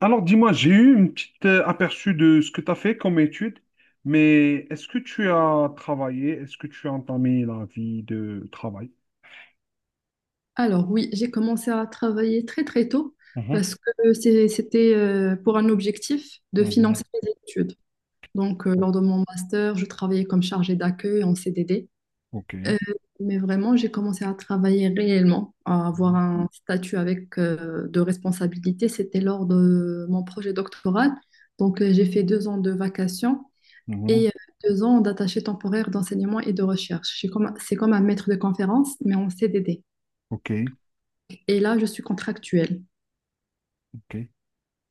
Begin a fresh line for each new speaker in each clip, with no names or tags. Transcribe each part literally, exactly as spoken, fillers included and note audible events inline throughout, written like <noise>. Alors dis-moi, j'ai eu une petite euh, aperçu de ce que tu as fait comme étude, mais est-ce que tu as travaillé? Est-ce que tu as entamé la vie de travail?
Alors oui, j'ai commencé à travailler très très tôt
Mhm.
parce que c'est- c'était euh, pour un objectif de
Mhm.
financer mes études. Donc euh, lors de mon master, je travaillais comme chargée d'accueil en C D D.
OK.
Euh, mais vraiment, j'ai commencé à travailler réellement, à avoir
Mhm.
un statut avec euh, de responsabilité. C'était lors de mon projet doctoral. Donc euh, j'ai fait deux ans de vacations
Mhm.
et euh, deux ans d'attaché temporaire d'enseignement et de recherche. Je suis comme- C'est comme un maître de conférence, mais en C D D.
OK.
Et là, je suis contractuelle.
OK.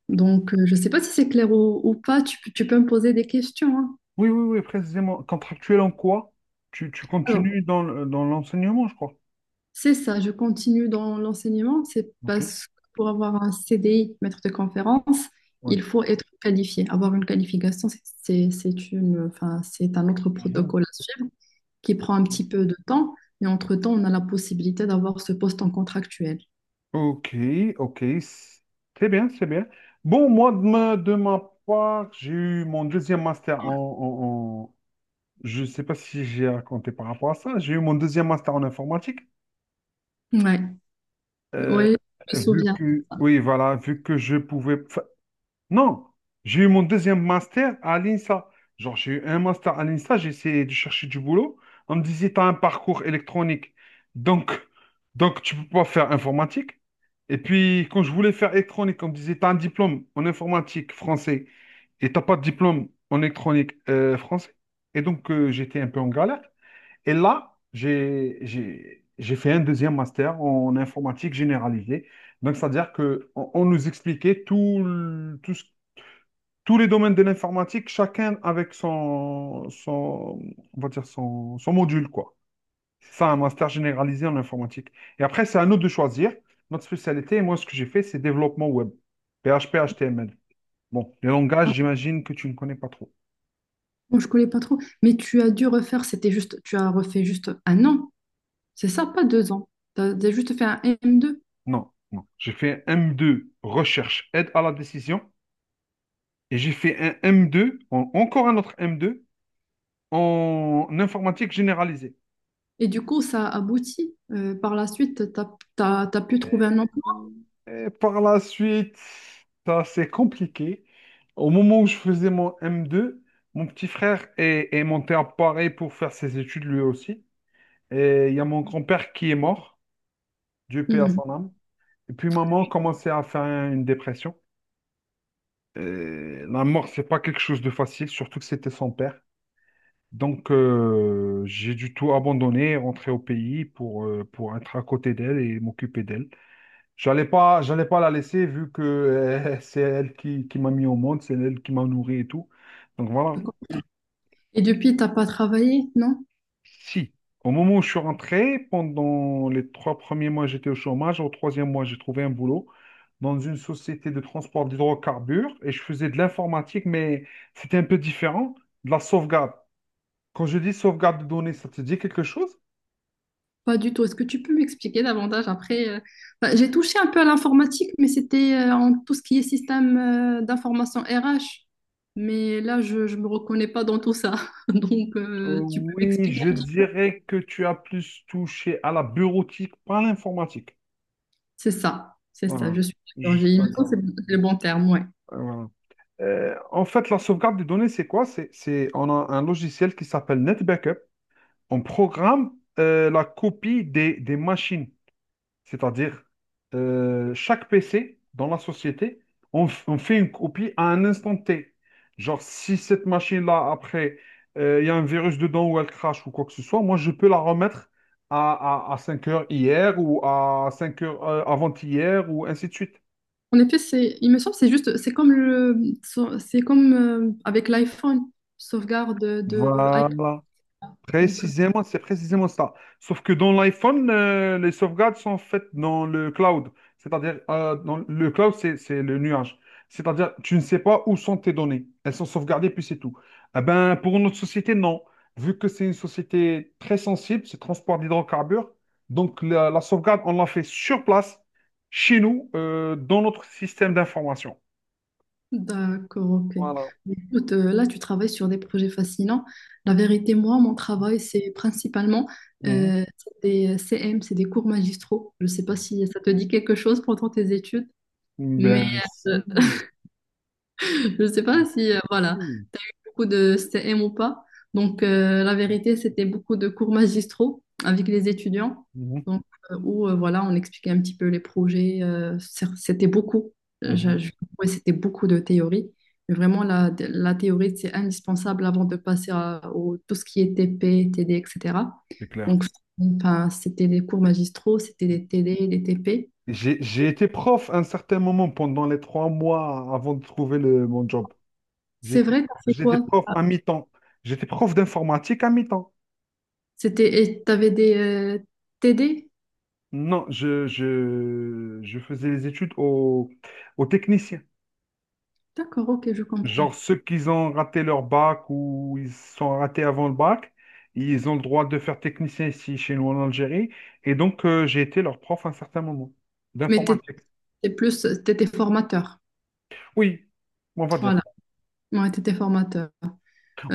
Donc, euh, je ne sais pas si c'est clair ou, ou pas, tu, peux tu peux me poser des questions, hein.
Oui, oui, oui, précisément. Contractuel en quoi? Tu, tu
Alors,
continues dans, le- dans l'enseignement, je crois.
c'est ça, je continue dans l'enseignement, c'est
OK.
parce que pour avoir un C D I, maître de conférence,
Ouais.
il faut être qualifié. Avoir une qualification, c'est c'est- c'est une, enfin, c'est un autre
Mhm.
protocole à suivre qui prend un
Mhm.
petit peu de temps, mais entre-temps, on a la possibilité d'avoir ce poste en contractuel.
OK, OK, c'est bien, c'est bien. Bon, moi, de ma, de ma part, j'ai eu mon deuxième master en, Je ne sais pas si j'ai raconté par rapport à ça. J'ai eu mon deuxième master en informatique.
Ouais,
Euh,
ouais, je me
vu
souviens.
que, oui, voilà, vu que je pouvais. Enfin, non, j'ai eu mon deuxième master à l'INSA. Genre, j'ai eu un master à l'INSA, j'ai essayé de chercher du boulot. On me disait, tu as un parcours électronique. Donc, donc tu peux pas faire informatique. Et puis, quand je voulais faire électronique, on me disait, tu as un diplôme en informatique français et t'as pas de diplôme en électronique euh, français. Et donc, euh, j'étais un peu en galère. Et là, j'ai, j'ai, j'ai fait un deuxième master en informatique généralisée. Donc, c'est-à-dire que on, on nous expliquait tout, le- tout ce- tous les domaines de l'informatique, chacun avec son, son, on va dire son, son module, quoi. C'est ça, un master généralisé en informatique. Et après, c'est à nous de choisir notre spécialité. Et moi, ce que j'ai fait, c'est développement web. P H P, H T M L. Bon, les
Ah
langages, j'imagine que tu ne connais pas trop.
bon, je connais pas trop, mais tu as dû refaire, c'était juste, tu as refait juste un an. C'est ça, pas deux ans. Tu as juste fait un M deux.
Non, non. J'ai fait un M deux, recherche, aide à la décision. Et j'ai fait un M deux, en- encore un autre M deux, en informatique généralisée.
Et du coup, ça aboutit. Euh, par la suite, tu as pu trouver un emploi.
Et par la suite, ça c'est compliqué. Au moment où je faisais mon M deux, mon petit frère est, est monté à Paris pour faire ses études lui aussi. Et il y a mon grand-père qui est mort, Dieu paix à
Hmm,
son âme. Et puis maman commençait à faire une dépression. Et la mort, c'est pas quelque chose de facile, surtout que c'était son père. Donc, euh, j'ai du tout abandonné, rentré au pays pour, euh, pour être à côté d'elle et m'occuper d'elle. J'allais pas, j'allais pas la laisser vu que euh, <laughs> c'est elle qui, qui m'a mis au monde, c'est elle qui m'a nourri et tout. Donc voilà.
d'accord. Et depuis, t'as pas travaillé, non?
Si, au moment où je suis rentré, pendant les trois premiers mois, j'étais au chômage. Au troisième mois, j'ai trouvé un boulot dans une société de transport d'hydrocarbures et je faisais de l'informatique, mais c'était un peu différent de la sauvegarde. Quand je dis sauvegarde de données, ça te dit quelque chose?
Pas du tout. Est-ce que tu peux m'expliquer davantage après? Euh, bah, j'ai touché un peu à l'informatique, mais c'était euh, en tout ce qui est système euh, d'information R H. Mais là, je ne me reconnais pas dans tout ça. <laughs> Donc,
Euh,
euh, tu peux
oui,
m'expliquer?
je dirais que tu as plus touché à la bureautique, pas à l'informatique.
C'est ça, c'est ça,
Voilà.
je suis d'accord. J'ai
Juste.
l'impression que
D'accord.
c'est le bon terme, ouais.
Euh, voilà. Euh, en fait, la sauvegarde des données, c'est quoi? C'est, c'est, on a un logiciel qui s'appelle NetBackup. On programme euh, la copie des, des machines. C'est-à-dire, euh, chaque P C dans la société, on, f- on fait une copie à un instant T. Genre, si cette machine-là, après, euh, il y a un virus dedans ou elle crache ou quoi que ce soit, moi, je peux la remettre à, à, à 5 heures hier ou à cinq heures euh, avant-hier ou ainsi de suite.
En effet, c'est, il me semble, c'est juste, c'est comme le, so, c'est comme euh, avec l'iPhone, sauvegarde de, de
Voilà.
iCloud. Donc, euh,
Précisément, c'est précisément ça. Sauf que dans l'iPhone, euh, les sauvegardes sont faites dans le cloud. C'est-à-dire, euh, dans le cloud, c'est, c'est le nuage. C'est-à-dire, tu ne sais pas où sont tes données. Elles sont sauvegardées, puis c'est tout. Eh ben, pour notre société, non. Vu que c'est une société très sensible, c'est transport d'hydrocarbures. Donc, la, la sauvegarde, on l'a fait sur place, chez nous, euh, dans notre système d'information.
d'accord, ok.
Voilà.
Mais écoute, euh, là, tu travailles sur des projets fascinants. La vérité, moi, mon travail, c'est principalement
Mhm.
euh, c'est des C M, c'est des cours magistraux. Je ne sais pas si ça te dit quelque chose pendant tes études, mais
Ben, si.
euh, <laughs> je ne sais pas
Ben,
si, euh, voilà,
si.
beaucoup de C M ou pas. Donc, euh, la vérité, c'était beaucoup de cours magistraux avec les étudiants.
Mhm.
Donc, euh, où, euh, voilà, on expliquait un petit peu les projets. Euh, c'est- c'était beaucoup.
Mhm.
Je-
Mhm.
je- ouais, c'était beaucoup de théorie. Mais vraiment, la, la théorie, c'est indispensable avant de passer à au, tout ce qui est T P, T D, et cetera.
C'est clair.
Donc, enfin, c'était des cours magistraux, c'était des T D, des T P.
J'ai, j'ai été prof à un certain moment pendant les trois mois avant de trouver le, mon job.
C'est
J'étais,
vrai, t'as fait
j'étais
quoi?
prof à mi-temps. J'étais prof d'informatique à mi-temps.
C'était, et t'avais des euh, T D?
Non, je, je, je faisais les études aux, aux techniciens.
D'accord, ok, je comprends.
Genre ceux qui ont raté leur bac ou ils se sont ratés avant le bac, ils ont le droit de faire technicien ici chez nous en Algérie. Et donc, euh, j'ai été leur prof à un certain moment
Mais t'étais
d'informatique.
C'est plus, tu étais formateur.
Oui, on va dire.
Voilà, ouais, tu étais formateur.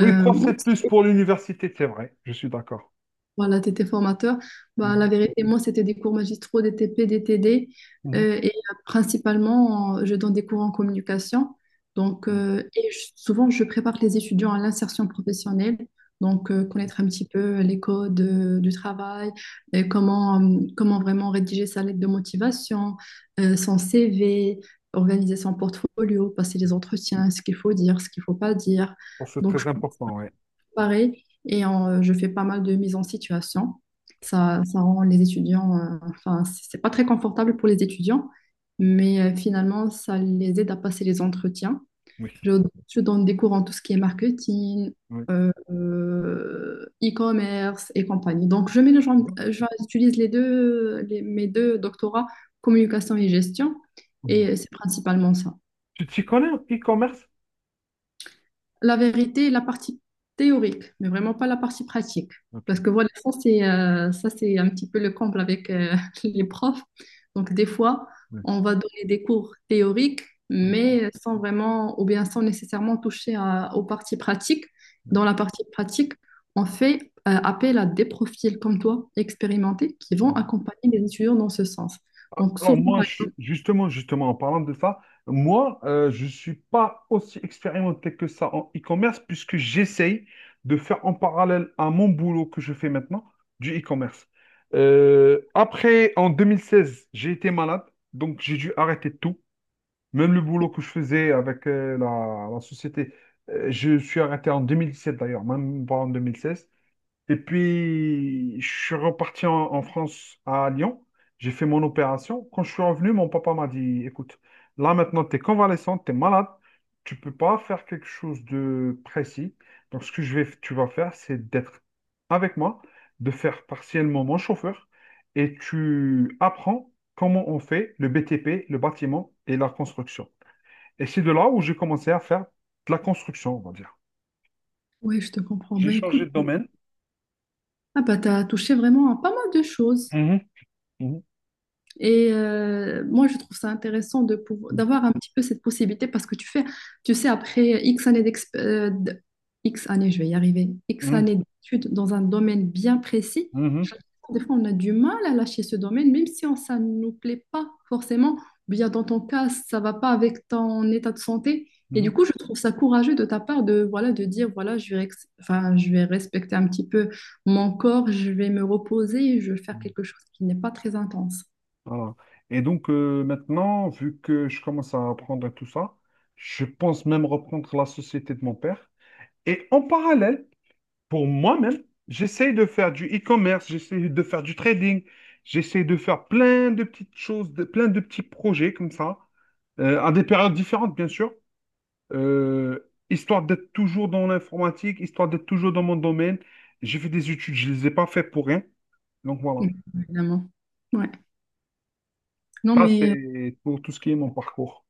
Oui, prof,
moi,
c'est plus pour l'université, c'est vrai. Je suis d'accord.
Voilà, tu étais formateur. Bah, la
Mhm,
vérité, moi, c'était des cours magistraux, des T P, des T D.
mhm.
euh, et euh, principalement, en- je donne des cours en communication. Donc,
OK.
euh, et je- souvent, je prépare les étudiants à l'insertion professionnelle. Donc, euh, connaître un petit peu les codes euh, du travail, et comment, euh, comment vraiment rédiger sa lettre de motivation, euh, son C V, organiser son portfolio, passer les entretiens, ce qu'il faut dire, ce qu'il ne faut pas dire.
Bon, c'est
Donc, je
très important, ouais.
pareil. Et en, euh, je fais pas mal de mise en situation. Ça, ça rend les étudiants, euh, enfin, c- c'est pas très confortable pour les étudiants, mais euh, finalement, ça les aide à passer les entretiens.
Oui,
Je, je donne des cours en tout ce qui est marketing,
oui.
euh, euh, e-commerce et compagnie. Donc, je mélange, euh, je- j'utilise les deux, les- mes deux doctorats, communication et gestion,
Oui.
et c'est principalement ça.
Tu t'y connais en e-commerce?
La vérité, la partie théorique, mais vraiment pas la partie pratique.
OK.
Parce que voilà, ça c'est euh, ça c'est un petit peu le comble avec euh, <laughs> les profs. Donc des fois,
Oui,
on va donner des cours théoriques,
oui,
mais sans vraiment ou bien sans nécessairement toucher à- aux parties pratiques.
oui.
Dans la partie pratique, on fait euh, appel à des profils comme toi, expérimentés, qui vont
Mhm.
accompagner les étudiants dans ce sens. Donc
Alors
souvent,
moi,
par
je-
exemple,
justement, justement, en parlant de ça, moi, euh, je ne suis pas aussi expérimenté que ça en e-commerce puisque j'essaye de faire en parallèle à mon boulot que je fais maintenant du e-commerce. Euh, après, en deux mille seize, j'ai été malade, donc j'ai dû arrêter tout. Même le boulot que je faisais avec euh, la, la société, euh, je suis arrêté en deux mille dix-sept d'ailleurs, même pas en deux mille seize. Et puis, je suis reparti en, en France, à Lyon. J'ai fait mon opération. Quand je suis revenu, mon papa m'a dit, écoute, là maintenant, tu es convalescent, tu es malade, tu peux pas faire quelque chose de précis. Donc, ce que je vais, tu vas faire, c'est d'être avec moi, de faire partiellement mon chauffeur, et tu apprends comment on fait le B T P, le bâtiment et la construction. Et c'est de là où j'ai commencé à faire de la construction, on va dire.
oui, je te comprends.
J'ai
Ben écoute,
changé de domaine.
ah bah, tu as touché vraiment à pas mal de choses.
Mhm, mhm,
Et euh, moi, je trouve ça intéressant de pouvoir, d'avoir un petit peu cette possibilité parce que tu fais, tu sais, après X années d'exp- euh, d- X années, je vais y arriver, X
mhm,
années d'études dans un domaine bien précis,
mhm,
je trouve que des fois, on a du mal à lâcher ce domaine, même si on- ça ne nous plaît pas forcément, ou bien dans ton cas, ça va pas avec ton état de santé. Et
mhm.
du coup, je trouve ça courageux de ta part de, voilà, de dire, voilà, je vais, ex- enfin, je vais respecter un petit peu mon corps, je vais me reposer, je vais faire
Mhm.
quelque chose qui n'est pas très intense.
Voilà. Et donc euh, maintenant, vu que je commence à apprendre à tout ça, je pense même reprendre la société de mon père. Et en parallèle, pour moi-même, j'essaye de faire du e-commerce, j'essaye de faire du trading, j'essaye de faire plein de petites choses, de- plein de petits projets comme ça, euh, à des périodes différentes, bien sûr. Euh, histoire d'être toujours dans l'informatique, histoire d'être toujours dans mon domaine. J'ai fait des études, je ne les ai pas fait pour rien. Donc voilà,
Mm, évidemment. Ouais. Non,
ça
mais, euh,
c'est pour tout ce qui est mon parcours.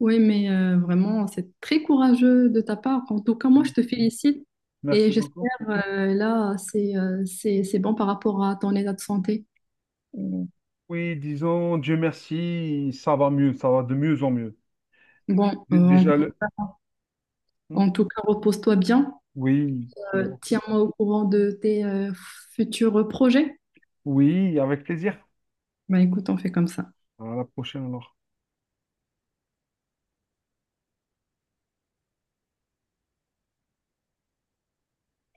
ouais, mais euh, vraiment, c'est très courageux de ta part. En tout cas, moi, je te
Merci,
félicite et
Merci
j'espère,
beaucoup.
euh, là, c'est euh, c'est, c'est bon par rapport à ton état de santé.
Mm. Oui, disons, Dieu merci, ça va mieux, ça va de mieux en mieux.
Bon, euh,
Dé- Déjà le...
en,
Hmm.
en tout cas, repose-toi bien.
Oui,
Euh,
merci.
tiens-moi au courant de tes euh, futurs projets.
Oui, avec plaisir.
Bah, écoute, on fait comme ça.
À la prochaine alors.